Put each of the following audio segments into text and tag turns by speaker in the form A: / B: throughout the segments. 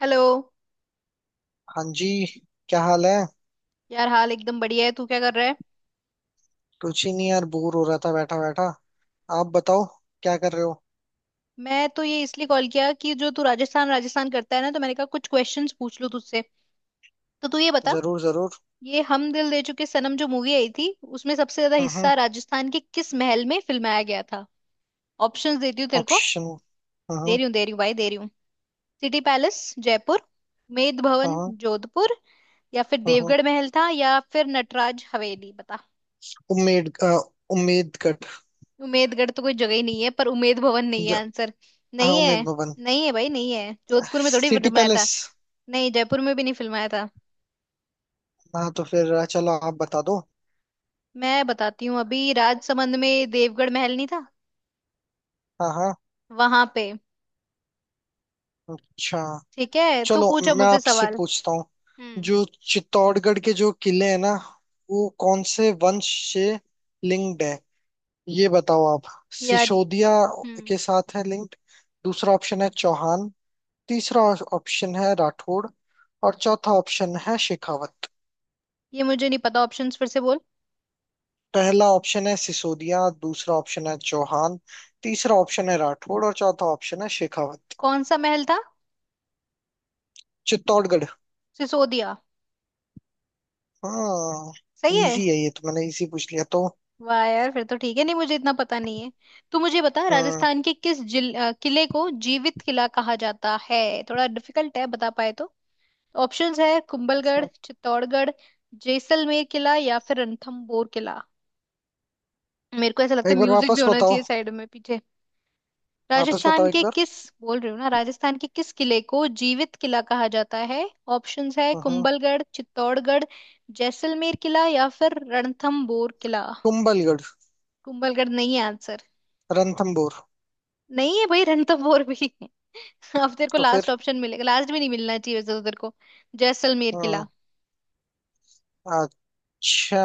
A: Hello.
B: हाँ जी। क्या हाल है?
A: यार, हाल एकदम बढ़िया है। तू क्या कर रहा है?
B: कुछ ही नहीं यार, बोर हो रहा था बैठा बैठा। आप बताओ, क्या कर रहे हो?
A: मैं तो ये इसलिए कॉल किया कि जो तू राजस्थान राजस्थान करता है ना, तो मैंने कहा कुछ क्वेश्चंस पूछ लूं तुझसे। तो तू ये बता,
B: जरूर जरूर।
A: ये हम दिल दे चुके सनम जो मूवी आई थी, उसमें सबसे ज्यादा
B: हम्म।
A: हिस्सा राजस्थान के किस महल में फिल्माया गया था? ऑप्शंस देती हूँ तेरे को।
B: ऑप्शन।
A: दे
B: हम्म।
A: रही हूँ, दे रही हूँ भाई, दे रही हूँ। सिटी पैलेस जयपुर, मेद भवन
B: हम्म।
A: जोधपुर, या फिर
B: हम्म।
A: देवगढ़ महल था, या फिर नटराज हवेली। बता।
B: उम्मीद अ, उम्मीद कट।
A: उमेदगढ़ तो कोई जगह ही नहीं है, पर उमेद भवन नहीं है
B: ज-
A: आंसर।
B: हाँ,
A: नहीं
B: उम्मीद
A: है।
B: भवन।
A: नहीं है भाई, नहीं है। जोधपुर में थोड़ी
B: सिटी
A: फिल्माया था।
B: पैलेस।
A: नहीं, जयपुर में भी नहीं फिल्माया था।
B: हाँ, तो फिर चलो आप बता दो।
A: मैं बताती हूँ अभी, राजसमंद में देवगढ़ महल नहीं था
B: हाँ हाँ।
A: वहां पे।
B: अच्छा।
A: ठीक है, तू
B: चलो,
A: पूछो
B: मैं
A: मुझसे
B: आपसे
A: सवाल।
B: पूछता हूँ।
A: हम्म।
B: जो चित्तौड़गढ़ के जो किले हैं ना, वो कौन से वंश से लिंक्ड है, ये बताओ आप।
A: यार,
B: सिसोदिया
A: हम्म,
B: के साथ है लिंक्ड। दूसरा ऑप्शन है चौहान। तीसरा ऑप्शन है राठौड़ और चौथा ऑप्शन है शेखावत।
A: ये मुझे नहीं पता। ऑप्शंस फिर से बोल।
B: पहला ऑप्शन है सिसोदिया, दूसरा ऑप्शन है चौहान। तीसरा ऑप्शन है राठौड़ और चौथा ऑप्शन है शेखावत।
A: कौन सा महल था?
B: चित्तौड़गढ़।
A: सिसोदिया।
B: हाँ।
A: सही है।
B: इजी है ये, तो मैंने इजी पूछ लिया तो।
A: वाह यार, फिर तो ठीक है, नहीं मुझे इतना पता नहीं है। तू मुझे बता,
B: हाँ।
A: राजस्थान के किस किले को जीवित किला कहा जाता है? थोड़ा डिफिकल्ट है, बता पाए तो। ऑप्शंस है कुंभलगढ़, चित्तौड़गढ़, जैसलमेर किला या फिर रणथंभौर किला। मेरे को ऐसा लगता
B: एक
A: है
B: बार
A: म्यूजिक भी
B: वापस
A: होना
B: बताओ।
A: चाहिए साइड में, पीछे।
B: वापस
A: राजस्थान
B: बताओ एक
A: के
B: बार।
A: किस बोल रही हूँ ना, राजस्थान के किस किले को जीवित किला कहा जाता है? ऑप्शंस है
B: हाँ हाँ।
A: कुंभलगढ़, चित्तौड़गढ़, जैसलमेर किला या फिर रणथंभौर किला।
B: कुंभलगढ़।
A: कुंभलगढ़ नहीं है आंसर।
B: रणथंबोर।
A: नहीं है भाई, रणथंभौर भी है। अब तेरे को
B: तो
A: लास्ट
B: फिर।
A: ऑप्शन मिलेगा, लास्ट में नहीं मिलना चाहिए वैसे तो तेरे को। जैसलमेर किला।
B: हाँ। अच्छा।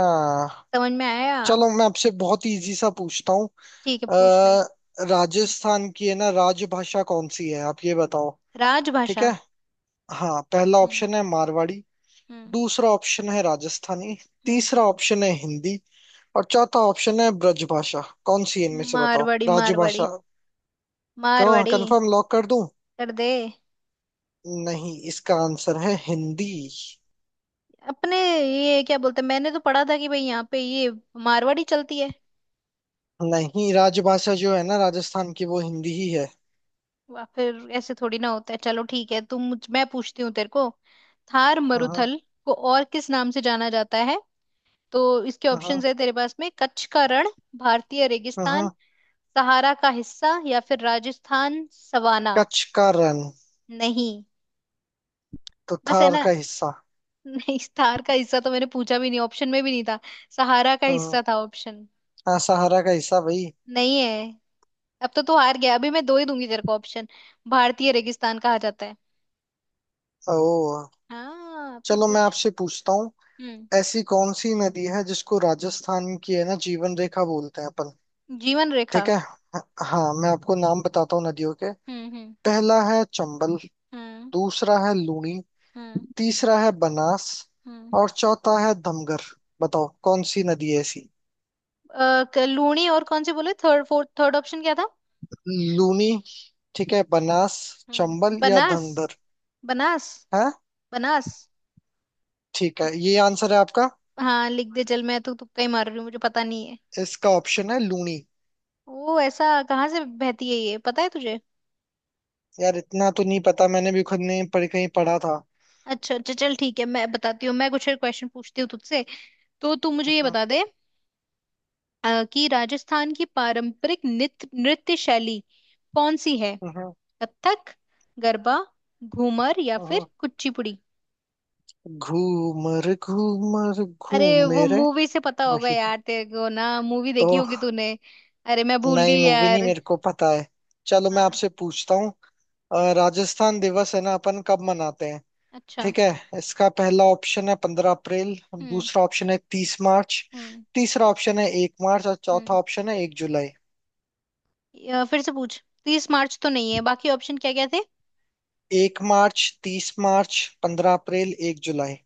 A: समझ में आया?
B: चलो, मैं आपसे बहुत इजी सा पूछता हूँ।
A: ठीक है, पूछ ले।
B: अ, राजस्थान की है ना राजभाषा कौन सी है, आप ये बताओ। ठीक
A: राजभाषा?
B: है। हाँ, पहला
A: हम्म।
B: ऑप्शन है मारवाड़ी।
A: हम्म।
B: दूसरा ऑप्शन है राजस्थानी।
A: हम्म।
B: तीसरा ऑप्शन है हिंदी और चौथा ऑप्शन है ब्रजभाषा। कौन सी है इनमें से, बताओ
A: मारवाड़ी, मारवाड़ी,
B: राजभाषा। क्यों,
A: मारवाड़ी।
B: कंफर्म लॉक कर दूं?
A: कर दे।
B: नहीं, इसका आंसर है हिंदी।
A: अपने ये क्या बोलते हैं? मैंने तो पढ़ा था कि भाई यहाँ पे ये मारवाड़ी चलती है।
B: नहीं, राजभाषा जो है ना राजस्थान की, वो हिंदी ही है।
A: वाह, फिर ऐसे थोड़ी ना होता है। चलो ठीक है, तुम मुझ मैं पूछती हूँ तेरे को। थार
B: हाँ,
A: मरुथल को और किस नाम से जाना जाता है? तो इसके
B: हाँ, हाँ,
A: ऑप्शंस है तेरे पास में कच्छ का रण, भारतीय
B: हाँ,
A: रेगिस्तान,
B: हाँ।
A: सहारा का हिस्सा, या फिर राजस्थान सवाना।
B: कच्छ का रण।
A: नहीं।
B: तो
A: बस है
B: थार
A: ना?
B: का हिस्सा।
A: नहीं, स्टार का हिस्सा तो मैंने पूछा भी नहीं, ऑप्शन में भी नहीं था। सहारा का
B: हाँ
A: हिस्सा था ऑप्शन।
B: हाँ, सहारा का हिस्सा भाई।
A: नहीं है। अब तो तू हार गया, अभी मैं दो ही दूंगी तेरे को ऑप्शन। भारतीय रेगिस्तान कहा जाता है।
B: ओ।
A: हाँ, अब तो
B: चलो, मैं
A: पूछ।
B: आपसे पूछता हूँ।
A: हम्म।
B: ऐसी कौन सी नदी है जिसको राजस्थान की है ना जीवन रेखा बोलते हैं अपन?
A: जीवन रेखा?
B: ठीक है। हाँ, मैं आपको नाम बताता हूँ नदियों के।
A: हम्म। हम्म।
B: पहला है चंबल।
A: हम्म।
B: दूसरा है लूनी।
A: हम्म।
B: तीसरा है बनास
A: हम्म।
B: और चौथा है धमगर। बताओ कौन सी नदी है ऐसी?
A: लूणी, और कौन से बोले? थर्ड, फोर्थ, थर्ड ऑप्शन क्या था?
B: लूनी। ठीक है, बनास,
A: हम्म,
B: चंबल या
A: बनास,
B: धमगर?
A: बनास,
B: है?
A: बनास।
B: ठीक है, ये आंसर है आपका।
A: हाँ लिख दे, चल। मैं तो तुक्का ही मार रही हूँ, मुझे पता नहीं है।
B: इसका ऑप्शन है लूनी।
A: ओ, ऐसा कहाँ से बहती है ये पता है तुझे?
B: यार, इतना तो नहीं पता, मैंने भी खुद नहीं पढ़, कहीं पढ़ा था।
A: अच्छा अच्छा, चल ठीक है। मैं बताती हूँ, मैं कुछ क्वेश्चन पूछती हूँ तुझसे। तो तू मुझे ये
B: अहं।
A: बता दे कि राजस्थान की पारंपरिक नृत्य नृत्य शैली कौन सी है?
B: अहं।
A: कथक, गरबा, घूमर या
B: अहं।
A: फिर कुचिपुड़ी?
B: घूमर, घूमर
A: अरे,
B: घूमे
A: वो
B: रे।
A: मूवी से पता होगा
B: वही
A: यार तेरे को, ना मूवी देखी
B: तो।
A: होगी तूने। अरे मैं भूल
B: नई
A: गई
B: मूवी नहीं,
A: यार।
B: मेरे को पता है। चलो, मैं
A: हाँ।
B: आपसे पूछता हूँ। राजस्थान दिवस है ना अपन कब मनाते हैं?
A: अच्छा।
B: ठीक है, इसका पहला ऑप्शन है पंद्रह अप्रैल।
A: हम्म।
B: दूसरा ऑप्शन है तीस मार्च।
A: हम्म।
B: तीसरा ऑप्शन है एक मार्च और चौथा
A: हम्म।
B: ऑप्शन है एक जुलाई।
A: फिर से पूछ। 30 मार्च तो नहीं है, बाकी ऑप्शन क्या क्या थे?
B: एक मार्च, तीस मार्च, पंद्रह अप्रैल, एक जुलाई।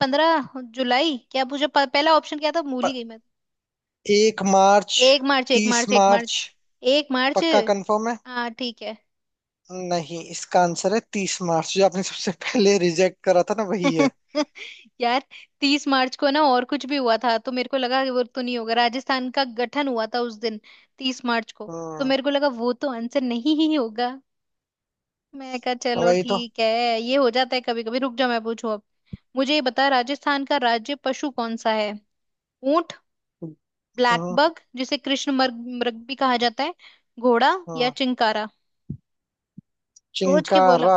A: 15 जुलाई क्या पूछा? पहला ऑप्शन क्या था? भूल ही गई मैं।
B: एक मार्च।
A: 1 मार्च, एक
B: तीस
A: मार्च 1 मार्च,
B: मार्च।
A: एक मार्च।
B: पक्का कंफर्म है?
A: हाँ ठीक है।
B: नहीं, इसका आंसर है तीस मार्च, जो आपने सबसे पहले रिजेक्ट करा था ना, वही है।
A: यार, 30 मार्च को ना और कुछ भी हुआ था, तो मेरे को लगा कि वो तो नहीं होगा। राजस्थान का गठन हुआ था उस दिन, 30 मार्च को। तो
B: हम्म।
A: मेरे को लगा वो तो आंसर नहीं ही होगा, मैं कहा चलो
B: वही तो।
A: ठीक है। ये हो जाता है कभी कभी। रुक जाओ, मैं पूछूं अब। मुझे ये बता, राजस्थान का राज्य पशु कौन सा है? ऊंट, ब्लैक
B: हम्म।
A: बग जिसे कृष्ण मृग मृग भी कहा जाता है, घोड़ा, या
B: हम्म।
A: चिंकारा? सोच के बोला?
B: चिंकारा।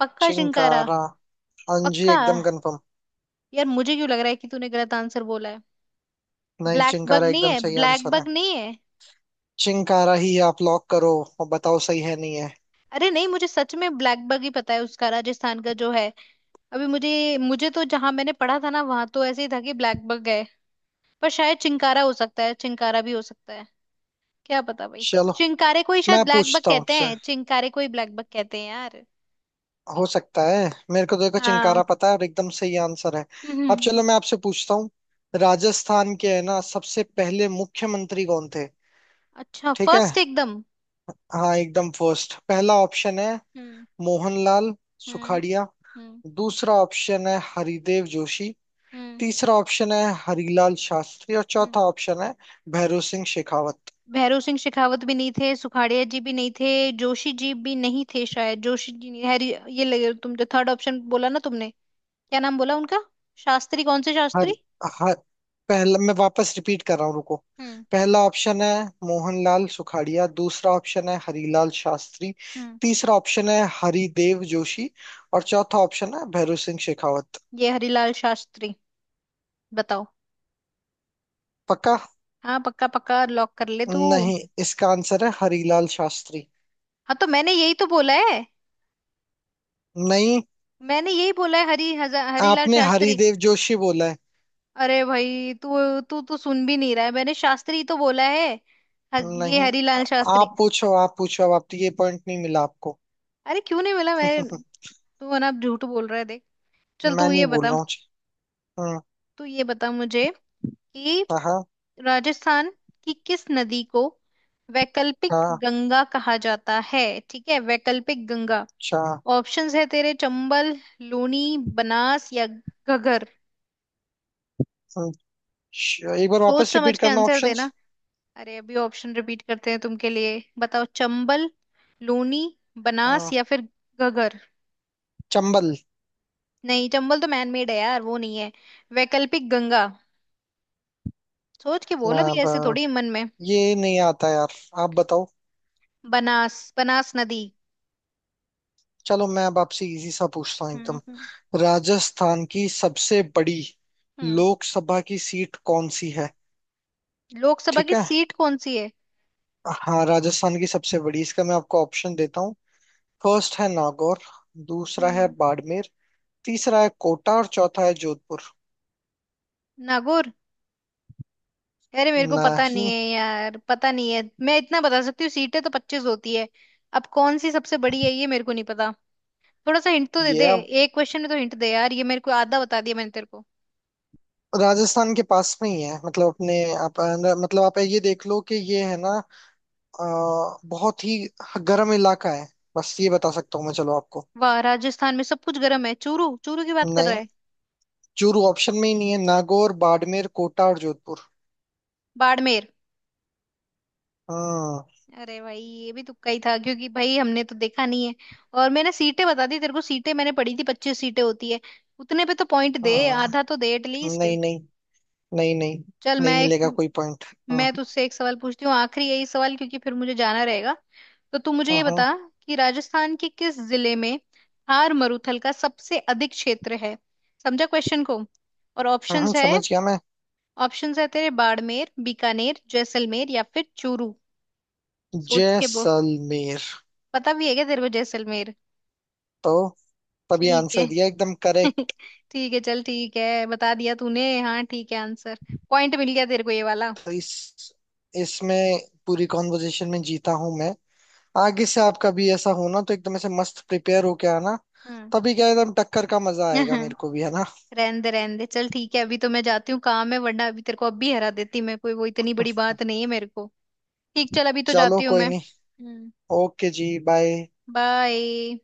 A: पक्का चिंकारा?
B: चिंकारा, हाँ जी,
A: पक्का?
B: एकदम कंफर्म।
A: यार मुझे क्यों लग रहा है कि तूने गलत आंसर बोला है।
B: नहीं,
A: ब्लैक बग
B: चिंकारा
A: नहीं
B: एकदम
A: है?
B: सही
A: ब्लैक
B: आंसर है।
A: बग नहीं है।
B: चिंकारा ही आप लॉक करो और बताओ, सही है, नहीं है?
A: अरे नहीं, मुझे सच में ब्लैक बग ही पता है उसका राजस्थान का जो है। अभी मुझे मुझे तो जहां मैंने पढ़ा था ना, वहां तो ऐसे ही था कि ब्लैक बग है। पर शायद चिंकारा हो सकता है, चिंकारा भी हो सकता है, क्या पता भाई।
B: चलो,
A: चिंकारे को ही
B: मैं
A: शायद ब्लैक बग
B: पूछता हूँ
A: कहते
B: आपसे।
A: हैं, चिंकारे को ही ब्लैक बग कहते हैं यार।
B: हो सकता है, मेरे को तो देखो
A: हाँ।
B: चिंकारा पता है और एकदम सही आंसर है।
A: हम्म।
B: अब
A: हम्म।
B: चलो, मैं आपसे पूछता हूँ। राजस्थान के है ना सबसे पहले मुख्यमंत्री कौन थे?
A: अच्छा,
B: ठीक है।
A: फर्स्ट एकदम?
B: हाँ, एकदम फर्स्ट। पहला ऑप्शन है
A: हम्म।
B: मोहनलाल
A: हम्म।
B: सुखाड़िया।
A: हम्म।
B: दूसरा ऑप्शन है हरिदेव जोशी।
A: हम्म।
B: तीसरा ऑप्शन है हरिलाल शास्त्री और
A: हम्म।
B: चौथा ऑप्शन है भैरों सिंह शेखावत।
A: भैरव सिंह शेखावत भी नहीं थे, सुखाड़िया जी भी नहीं थे, जोशी जी भी नहीं थे, शायद जोशी जी नहीं हैरी। ये लगे, तुम जो थर्ड ऑप्शन बोला ना तुमने, क्या नाम बोला उनका? शास्त्री, कौन से
B: हर
A: शास्त्री?
B: हर पहला, मैं वापस रिपीट कर रहा हूँ, रुको।
A: हम्म।
B: पहला ऑप्शन है मोहनलाल सुखाड़िया। दूसरा ऑप्शन है हरिलाल शास्त्री।
A: हम्म।
B: तीसरा ऑप्शन है हरिदेव जोशी और चौथा ऑप्शन है भैरव सिंह शेखावत।
A: ये हरिलाल शास्त्री, बताओ।
B: पक्का?
A: हाँ पक्का, पक्का लॉक कर ले तू।
B: नहीं, इसका आंसर है हरिलाल शास्त्री।
A: हाँ तो मैंने यही तो बोला है।
B: नहीं,
A: मैंने यही बोला है, हरिलाल
B: आपने
A: शास्त्री।
B: हरिदेव जोशी बोला है।
A: अरे भाई, तू तू तो सुन भी नहीं रहा है, मैंने शास्त्री तो बोला है। ये
B: नहीं।
A: हरीलाल
B: आ-
A: शास्त्री।
B: आप पूछो, आप पूछो, अब आप, ये पॉइंट नहीं मिला आपको।
A: अरे क्यों नहीं मिला मैं? तू है ना, अब झूठ बोल रहा है, देख। चल
B: मैं
A: तू ये
B: नहीं बोल
A: बता।
B: रहा हूँ। हम्म।
A: तू ये बता मुझे, कि
B: हाँ।
A: राजस्थान की किस नदी को वैकल्पिक
B: हाँ।
A: गंगा कहा जाता है? ठीक है, वैकल्पिक गंगा।
B: अच्छा।
A: ऑप्शंस है तेरे चंबल, लूनी, बनास या घगर।
B: एक बार
A: सोच
B: वापस
A: समझ
B: रिपीट
A: के
B: करना
A: आंसर
B: ऑप्शंस।
A: देना। अरे अभी ऑप्शन रिपीट करते हैं तुमके लिए, बताओ। चंबल, लूनी, बनास
B: हाँ।
A: या फिर घगर।
B: चंबल।
A: नहीं, चंबल तो मैनमेड है यार, वो नहीं है। वैकल्पिक गंगा। सोच के बोल,
B: आ,
A: अभी ऐसे
B: ब-
A: थोड़ी मन में।
B: ये नहीं आता यार, आप बताओ।
A: बनास, बनास नदी।
B: चलो, मैं अब आपसे इजी सा पूछता हूँ
A: हम्म।
B: एकदम।
A: हम्म।
B: राजस्थान की सबसे बड़ी
A: हम्म।
B: लोकसभा की सीट कौन सी है?
A: लोकसभा
B: ठीक
A: की
B: है।
A: सीट कौन सी है?
B: हाँ, राजस्थान की सबसे बड़ी, इसका मैं आपको ऑप्शन देता हूँ। फर्स्ट है नागौर। दूसरा है
A: हम्म।
B: बाड़मेर। तीसरा है कोटा और चौथा है जोधपुर।
A: नागौर। अरे मेरे को पता नहीं
B: नहीं।
A: है यार, पता नहीं है। मैं इतना बता सकती हूँ, सीटें तो 25 होती है। अब कौन सी सबसे बड़ी है ये मेरे को नहीं पता। थोड़ा सा हिंट तो दे
B: ये
A: दे,
B: अब
A: एक क्वेश्चन में तो हिंट दे यार, ये मेरे को। आधा बता दिया मैंने तेरे को।
B: राजस्थान के पास में ही है, मतलब अपने आप, मतलब आप ये देख लो कि ये है ना, अ, बहुत ही गर्म इलाका है। बस ये बता सकता हूँ मैं, चलो आपको।
A: वाह, राजस्थान में सब कुछ गर्म है, चूरू चूरू की बात कर रहा
B: नहीं,
A: है?
B: चूरू ऑप्शन में ही नहीं है। नागौर, बाड़मेर, कोटा और जोधपुर।
A: बाड़मेर।
B: हाँ।
A: अरे भाई ये भी तुक्का ही था, क्योंकि भाई हमने तो देखा नहीं है। और मैंने सीटें बता दी तेरे को, सीटें मैंने पढ़ी थी, 25 सीटें होती है। उतने पे तो पॉइंट दे,
B: हाँ
A: आधा तो दे एटलीस्ट।
B: नहीं नहीं। नहीं नहीं।
A: चल
B: नहीं मिलेगा कोई पॉइंट। हाँ
A: मैं तुझसे एक सवाल पूछती हूँ आखिरी, यही सवाल, क्योंकि फिर मुझे जाना रहेगा। तो तू मुझे
B: हाँ।
A: ये
B: हाँ।
A: बता, कि राजस्थान के किस जिले में थार मरुथल का सबसे अधिक क्षेत्र है? समझा क्वेश्चन को? और
B: हाँ, हाँ,
A: ऑप्शंस है
B: समझ गया मैं।
A: ऑप्शंस है तेरे बाड़मेर, बीकानेर, जैसलमेर या फिर चूरू। सोच के बोल।
B: जैसलमेर।
A: पता भी है क्या तेरे को, जैसलमेर?
B: तो तभी
A: ठीक है।
B: आंसर दिया, एकदम करेक्ट।
A: ठीक है, चल ठीक है, बता दिया तूने। हाँ ठीक है, आंसर। पॉइंट मिल गया तेरे को ये वाला।
B: तो इस इसमें पूरी कॉन्वर्जेशन में जीता हूं मैं। आगे से आपका भी ऐसा होना, तो एकदम ऐसे मस्त प्रिपेयर होके आना,
A: हम्म।
B: तभी क्या एकदम टक्कर का मजा आएगा, मेरे को भी, है ना।
A: रहने दे रहने दे, चल ठीक है। अभी तो मैं जाती हूँ, काम है, वरना अभी तेरे को अब भी हरा देती मैं, कोई वो इतनी बड़ी बात नहीं है मेरे को। ठीक, चल, अभी तो
B: चलो,
A: जाती हूँ
B: कोई
A: मैं।
B: नहीं।
A: हम्म।
B: ओके जी, बाय।
A: बाय।